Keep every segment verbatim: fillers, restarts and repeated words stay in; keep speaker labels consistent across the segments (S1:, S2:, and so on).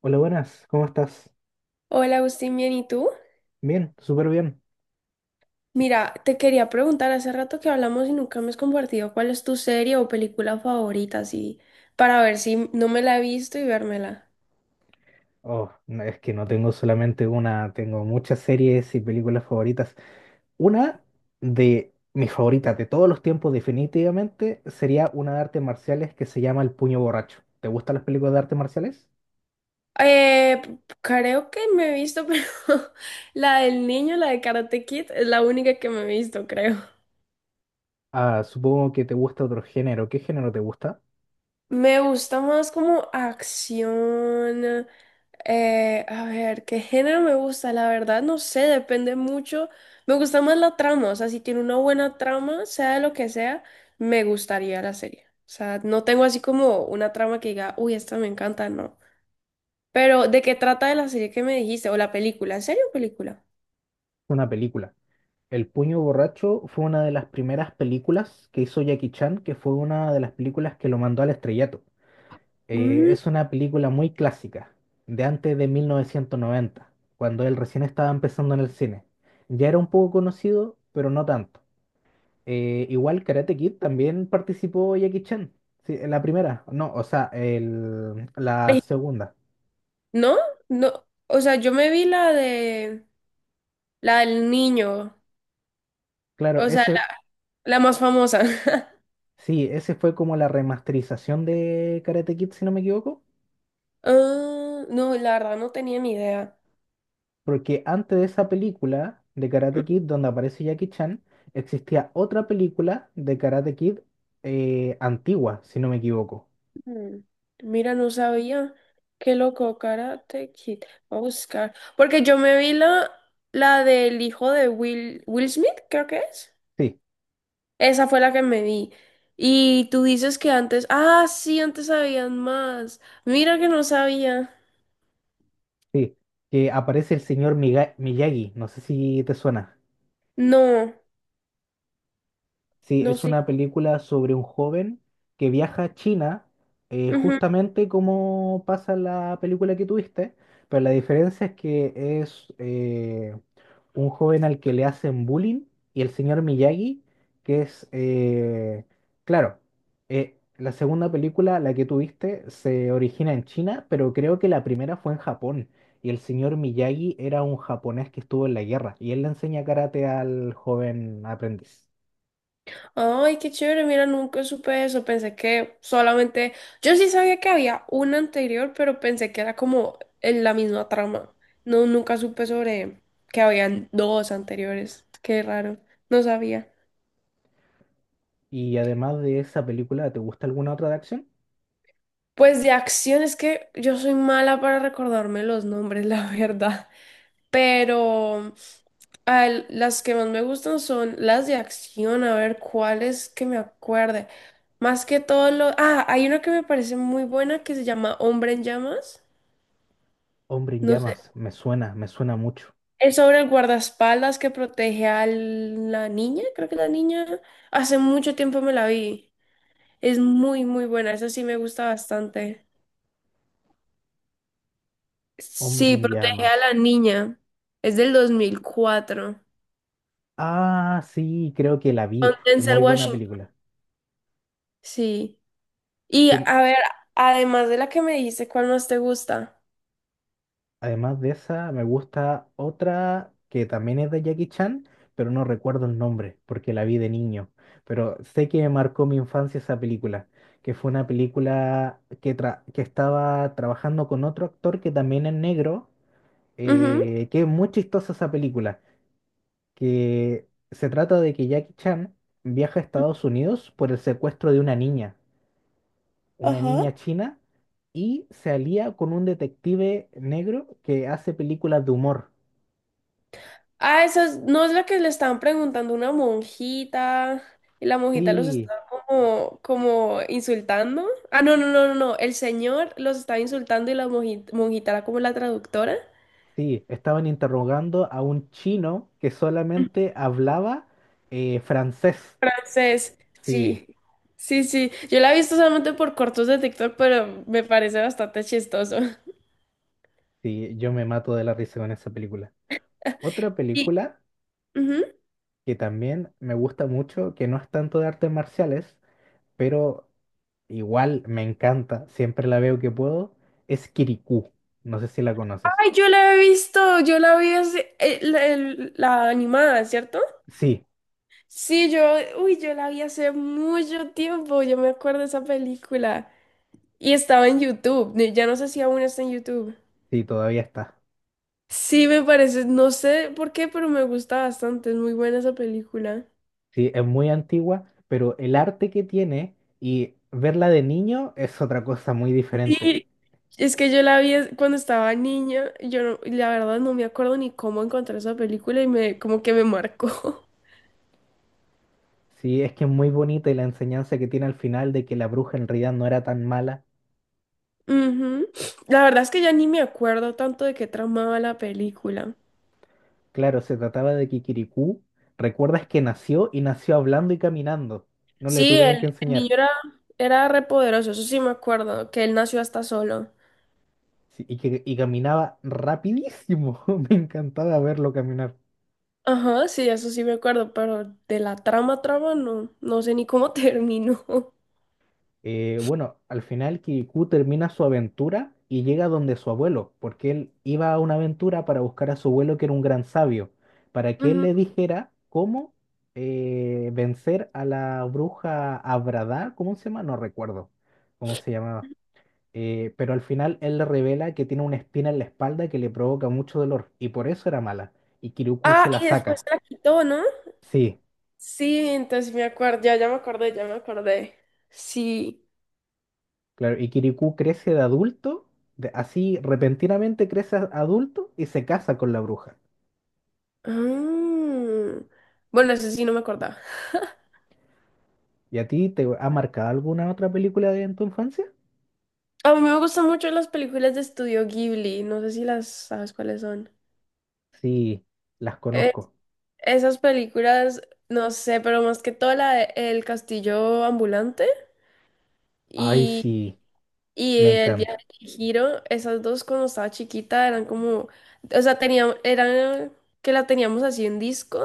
S1: Hola, buenas, ¿cómo estás?
S2: Hola Agustín, bien, ¿y tú?
S1: Bien, súper bien.
S2: Mira, te quería preguntar, hace rato que hablamos y nunca me has compartido cuál es tu serie o película favorita, así, para ver si no me la he visto y vérmela.
S1: Oh, no, es que no tengo solamente una, tengo muchas series y películas favoritas. Una de mis favoritas de todos los tiempos, definitivamente, sería una de artes marciales que se llama El Puño Borracho. ¿Te gustan las películas de artes marciales?
S2: Eh, p- creo que me he visto, pero la del niño, la de Karate Kid, es la única que me he visto, creo.
S1: Ah, supongo que te gusta otro género. ¿Qué género te gusta?
S2: Me gusta más como acción. Eh, a ver, ¿qué género me gusta? La verdad, no sé, depende mucho. Me gusta más la trama, o sea, si tiene una buena trama, sea de lo que sea, me gustaría la serie. O sea, no tengo así como una trama que diga, uy, esta me encanta, no. Pero, ¿de qué trata de la serie que me dijiste? O la película, ¿en serio película?
S1: Una película. El Puño Borracho fue una de las primeras películas que hizo Jackie Chan, que fue una de las películas que lo mandó al estrellato. Eh,
S2: Mm,
S1: es una película muy clásica, de antes de mil novecientos noventa, cuando él recién estaba empezando en el cine. Ya era un poco conocido, pero no tanto. Eh, igual Karate Kid también participó Jackie Chan, sí, en la primera, no, o sea, el- la
S2: eh,
S1: segunda.
S2: ¿No? No, o sea, yo me vi la de, la del niño,
S1: Claro,
S2: o sea,
S1: ese,
S2: la la más famosa.
S1: sí, ese fue como la remasterización de Karate Kid, si no me equivoco.
S2: Ah, no, la verdad no tenía ni idea.
S1: Porque antes de esa película de Karate Kid, donde aparece Jackie Chan, existía otra película de Karate Kid, eh, antigua, si no me equivoco.
S2: Ujú. Mira, no sabía. Qué loco, Karate Kid. Voy a buscar. Porque yo me vi la, la del hijo de Will, Will Smith, creo que es.
S1: Sí,
S2: Esa fue la que me vi. Y tú dices que antes. Ah, sí, antes sabían más. Mira que no sabía.
S1: sí, que aparece el señor Miga- Miyagi, no sé si te suena.
S2: No,
S1: Sí,
S2: no
S1: es
S2: sé.
S1: una película sobre un joven que viaja a China, eh, justamente como pasa en la película que tuviste, pero la diferencia es que es, eh, un joven al que le hacen bullying y el señor Miyagi, que es, eh, claro, eh, la segunda película, la que tuviste, se origina en China, pero creo que la primera fue en Japón, y el señor Miyagi era un japonés que estuvo en la guerra y él le enseña karate al joven aprendiz.
S2: Ay, qué chévere, mira, nunca supe eso, pensé que solamente, yo sí sabía que había una anterior, pero pensé que era como en la misma trama. No, nunca supe sobre que habían dos anteriores, qué raro, no sabía.
S1: Y además de esa película, ¿te gusta alguna otra de acción?
S2: Pues de acción es que yo soy mala para recordarme los nombres, la verdad. Pero al- las que más me gustan son las de acción, a ver cuáles que me acuerde. Más que todo lo… Ah, hay una que me parece muy buena que se llama Hombre en Llamas.
S1: Hombre en
S2: No sé.
S1: llamas, me suena, me suena mucho.
S2: Es sobre el guardaespaldas que protege a la niña, creo que la niña. Hace mucho tiempo me la vi. Es muy, muy buena. Esa sí me gusta bastante.
S1: Hombre
S2: Sí,
S1: en
S2: protege a
S1: llamas.
S2: la niña. Es del dos mil cuatro.
S1: Ah, sí, creo que la
S2: Con
S1: vi. Es
S2: Denzel
S1: muy buena
S2: Washington.
S1: película.
S2: Sí. Y
S1: Sí,
S2: a ver, además de la que me dijiste, ¿cuál más te gusta?
S1: además de esa, me gusta otra que también es de Jackie Chan, pero no recuerdo el nombre porque la vi de niño. Pero sé que me marcó mi infancia esa película, que fue una película que, tra- que estaba trabajando con otro actor que también es negro,
S2: Ujú.
S1: eh, que es muy chistosa esa película, que se trata de que Jackie Chan viaja a Estados Unidos por el secuestro de una niña, una
S2: Ajá.
S1: niña china, y se alía con un detective negro que hace películas de humor.
S2: Ah, esa es- no es la que le estaban preguntando a una monjita y la monjita los
S1: Sí,
S2: estaba como, como insultando. Ah, no, no, no, no, no. El señor los estaba insultando y la monji- monjita, era como la traductora.
S1: sí, estaban interrogando a un chino que solamente hablaba eh, francés.
S2: Entonces,
S1: Sí,
S2: sí, sí, sí. Yo la he visto solamente por cortos de TikTok, pero me parece bastante chistoso.
S1: sí, yo me mato de la risa con esa película. Otra
S2: Sí.
S1: película que también me gusta mucho, que no es tanto de artes marciales, pero igual me encanta, siempre la veo que puedo, es Kirikou. No sé si la conoces.
S2: Ay, yo la he visto, yo la vi hace- eh, la, el- la animada, ¿cierto?
S1: Sí,
S2: Sí, yo, uy, yo la vi hace mucho tiempo, yo me acuerdo de esa película. Y estaba en YouTube, ne- ya no sé si aún está en YouTube.
S1: sí, todavía está.
S2: Sí, me parece, no sé por qué, pero me gusta bastante, es muy buena esa película.
S1: Sí, es muy antigua, pero el arte que tiene y verla de niño es otra cosa muy diferente.
S2: Sí, es que yo la vi es- cuando estaba niña, yo no- la verdad no me acuerdo ni cómo encontré esa película y me, como que me marcó.
S1: Sí, es que es muy bonita y la enseñanza que tiene al final de que la bruja en realidad no era tan mala.
S2: Ujú. La verdad es que ya ni me acuerdo tanto de qué tramaba la película.
S1: Claro, se trataba de Kikirikú. Recuerdas que nació y nació hablando y caminando. No le
S2: Sí,
S1: tuvieran
S2: el,
S1: que
S2: el
S1: enseñar.
S2: niño era, era re poderoso, eso sí me acuerdo, que él nació hasta solo.
S1: Sí, y que y caminaba rapidísimo. Me encantaba verlo caminar.
S2: Ajá, sí, eso sí me acuerdo, pero de la trama, trama, no, no sé ni cómo terminó. Ujú.
S1: Eh, bueno, al final Kirikou termina su aventura y llega donde su abuelo, porque él iba a una aventura para buscar a su abuelo que era un gran sabio, para que él le dijera cómo eh, vencer a la bruja Abradá, ¿cómo se llama? No recuerdo cómo se llamaba. Eh, pero al final él le revela que tiene una espina en la espalda que le provoca mucho dolor y por eso era mala. Y Kirikou
S2: Ah,
S1: se la
S2: y después
S1: saca.
S2: se la quitó, ¿no?
S1: Sí.
S2: Sí, entonces me acuerdo, ya, ya me acordé, ya me acordé. Sí.
S1: Claro, y Kirikou crece de adulto, de- así repentinamente crece a- adulto y se casa con la bruja.
S2: Ah. Bueno, eso sí no me acordaba.
S1: ¿Y a ti te ha marcado alguna otra película de en tu infancia?
S2: A mí me gustan mucho las películas de Estudio Ghibli, no sé si las sabes cuáles son.
S1: Sí, las
S2: Eh,
S1: conozco.
S2: esas películas, no sé, pero más que todo la de El Castillo Ambulante
S1: Ay,
S2: y,
S1: sí,
S2: y
S1: me
S2: El Viaje
S1: encanta.
S2: de Chihiro, esas dos cuando estaba chiquita eran como, o sea, teníamos, eran que la teníamos así en disco,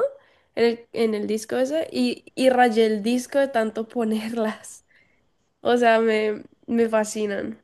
S2: en el, en el disco ese, y, y rayé el disco de tanto ponerlas. O sea, me, me fascinan.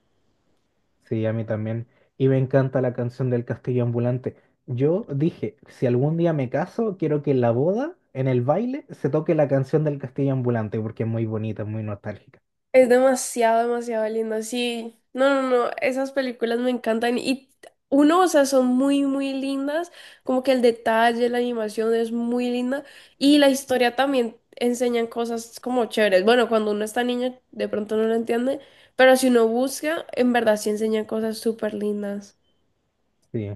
S1: Sí, a mí también. Y me encanta la canción del Castillo Ambulante. Yo dije, si algún día me caso, quiero que en la boda, en el baile, se toque la canción del Castillo Ambulante, porque es muy bonita, es muy nostálgica.
S2: Es demasiado, demasiado lindo. Sí, no, no, no, esas películas me encantan y uno, o sea, son muy, muy lindas, como que el detalle, la animación es muy linda y la historia también enseñan cosas como chéveres. Bueno, cuando uno está niño de pronto no lo entiende, pero si uno busca, en verdad sí enseñan cosas súper lindas.
S1: Sí.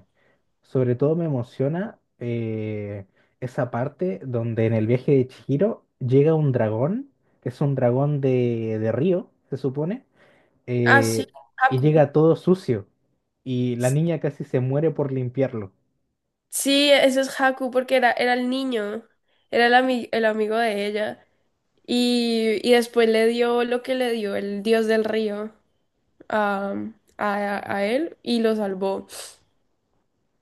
S1: Sobre todo me emociona eh, esa parte donde en el viaje de Chihiro llega un dragón, que es un dragón de, de río, se supone,
S2: Ah, sí,
S1: eh, y
S2: Haku.
S1: llega todo sucio. Y la
S2: S-
S1: niña casi se muere por limpiarlo.
S2: Sí, eso es Haku porque era, era el niño, era el, ami- el amigo de ella. Y, y después le dio lo que le dio el dios del río a, a, a él y lo salvó.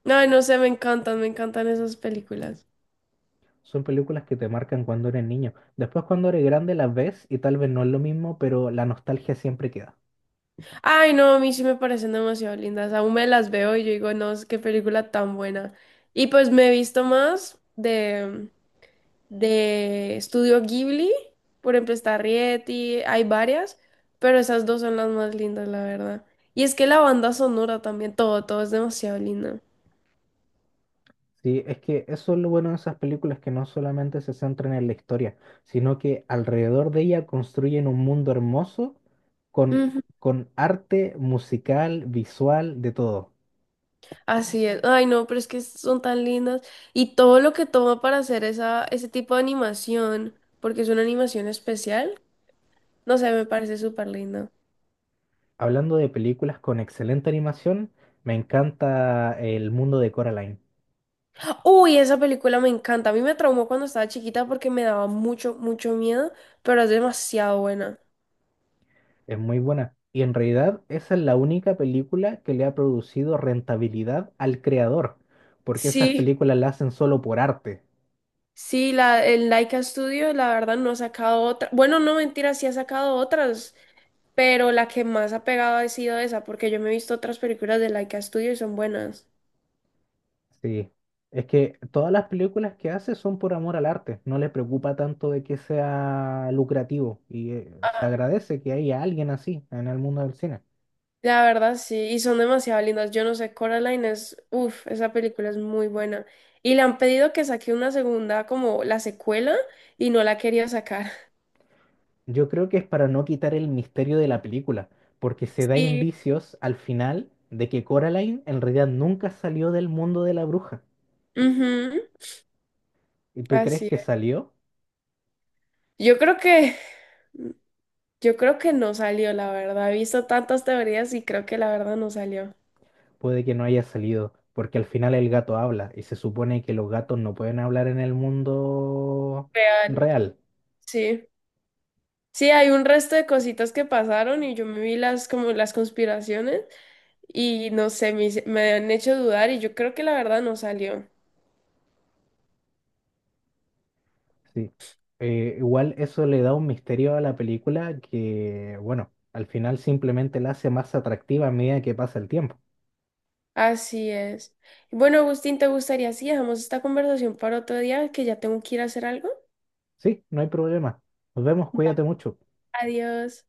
S2: Ay, no sé, me encantan, me encantan esas películas.
S1: Son películas que te marcan cuando eres niño. Después cuando eres grande las ves y tal vez no es lo mismo, pero la nostalgia siempre queda.
S2: Ay, no, a mí sí me parecen demasiado lindas. Aún me las veo y yo digo, no, es qué película tan buena. Y pues me he visto más de, de Estudio Ghibli, por ejemplo, está Rieti, hay varias, pero esas dos son las más lindas, la verdad. Y es que la banda sonora también, todo, todo es demasiado lindo.
S1: Sí, es que eso es lo bueno de esas películas que no solamente se centran en la historia, sino que alrededor de ella construyen un mundo hermoso con, con arte musical, visual, de todo.
S2: Así es. Ay, no, pero es que son tan lindas. Y todo lo que toma para hacer esa, ese tipo de animación, porque es una animación especial, no sé, me parece súper lindo.
S1: Hablando de películas con excelente animación, me encanta El mundo de Coraline.
S2: Uy, esa película me encanta. A mí me traumó cuando estaba chiquita porque me daba mucho, mucho miedo, pero es demasiado buena.
S1: Es muy buena. Y en realidad esa es la única película que le ha producido rentabilidad al creador, porque esas
S2: Sí.
S1: películas las hacen solo por arte.
S2: Sí, la, el Laika Studio, la verdad, no ha sacado otra. Bueno, no, mentira, sí ha sacado otras, pero la que más ha pegado ha sido esa, porque yo me he visto otras películas de Laika Studio y son buenas.
S1: Sí, es que todas las películas que hace son por amor al arte, no le preocupa tanto de que sea lucrativo y eh, se agradece que haya alguien así en el mundo del cine.
S2: La verdad, sí, y son demasiado lindas. Yo no sé, Coraline es, uff, esa película es muy buena. Y le han pedido que saque una segunda, como la secuela, y no la quería sacar.
S1: Yo creo que es para no quitar el misterio de la película, porque se da
S2: Sí.
S1: indicios al final de que Coraline en realidad nunca salió del mundo de la bruja.
S2: Ujú,
S1: ¿Y tú crees
S2: así
S1: que
S2: es.
S1: salió?
S2: Yo creo que, yo creo que no salió, la verdad. He visto tantas teorías y creo que la verdad no salió.
S1: Puede que no haya salido, porque al final el gato habla y se supone que los gatos no pueden hablar en el mundo
S2: Real.
S1: real.
S2: Sí. Sí, hay un resto de cositas que pasaron y yo me vi las, como las conspiraciones y no sé, me, hice- me han hecho dudar y yo creo que la verdad no salió.
S1: Sí. Eh, igual eso le da un misterio a la película que, bueno, al final simplemente la hace más atractiva a medida que pasa el tiempo.
S2: Así es. Bueno, Agustín, ¿te gustaría si dejamos esta conversación para otro día? Que ya tengo que ir a hacer algo.
S1: Sí, no hay problema. Nos vemos, cuídate mucho.
S2: Adiós.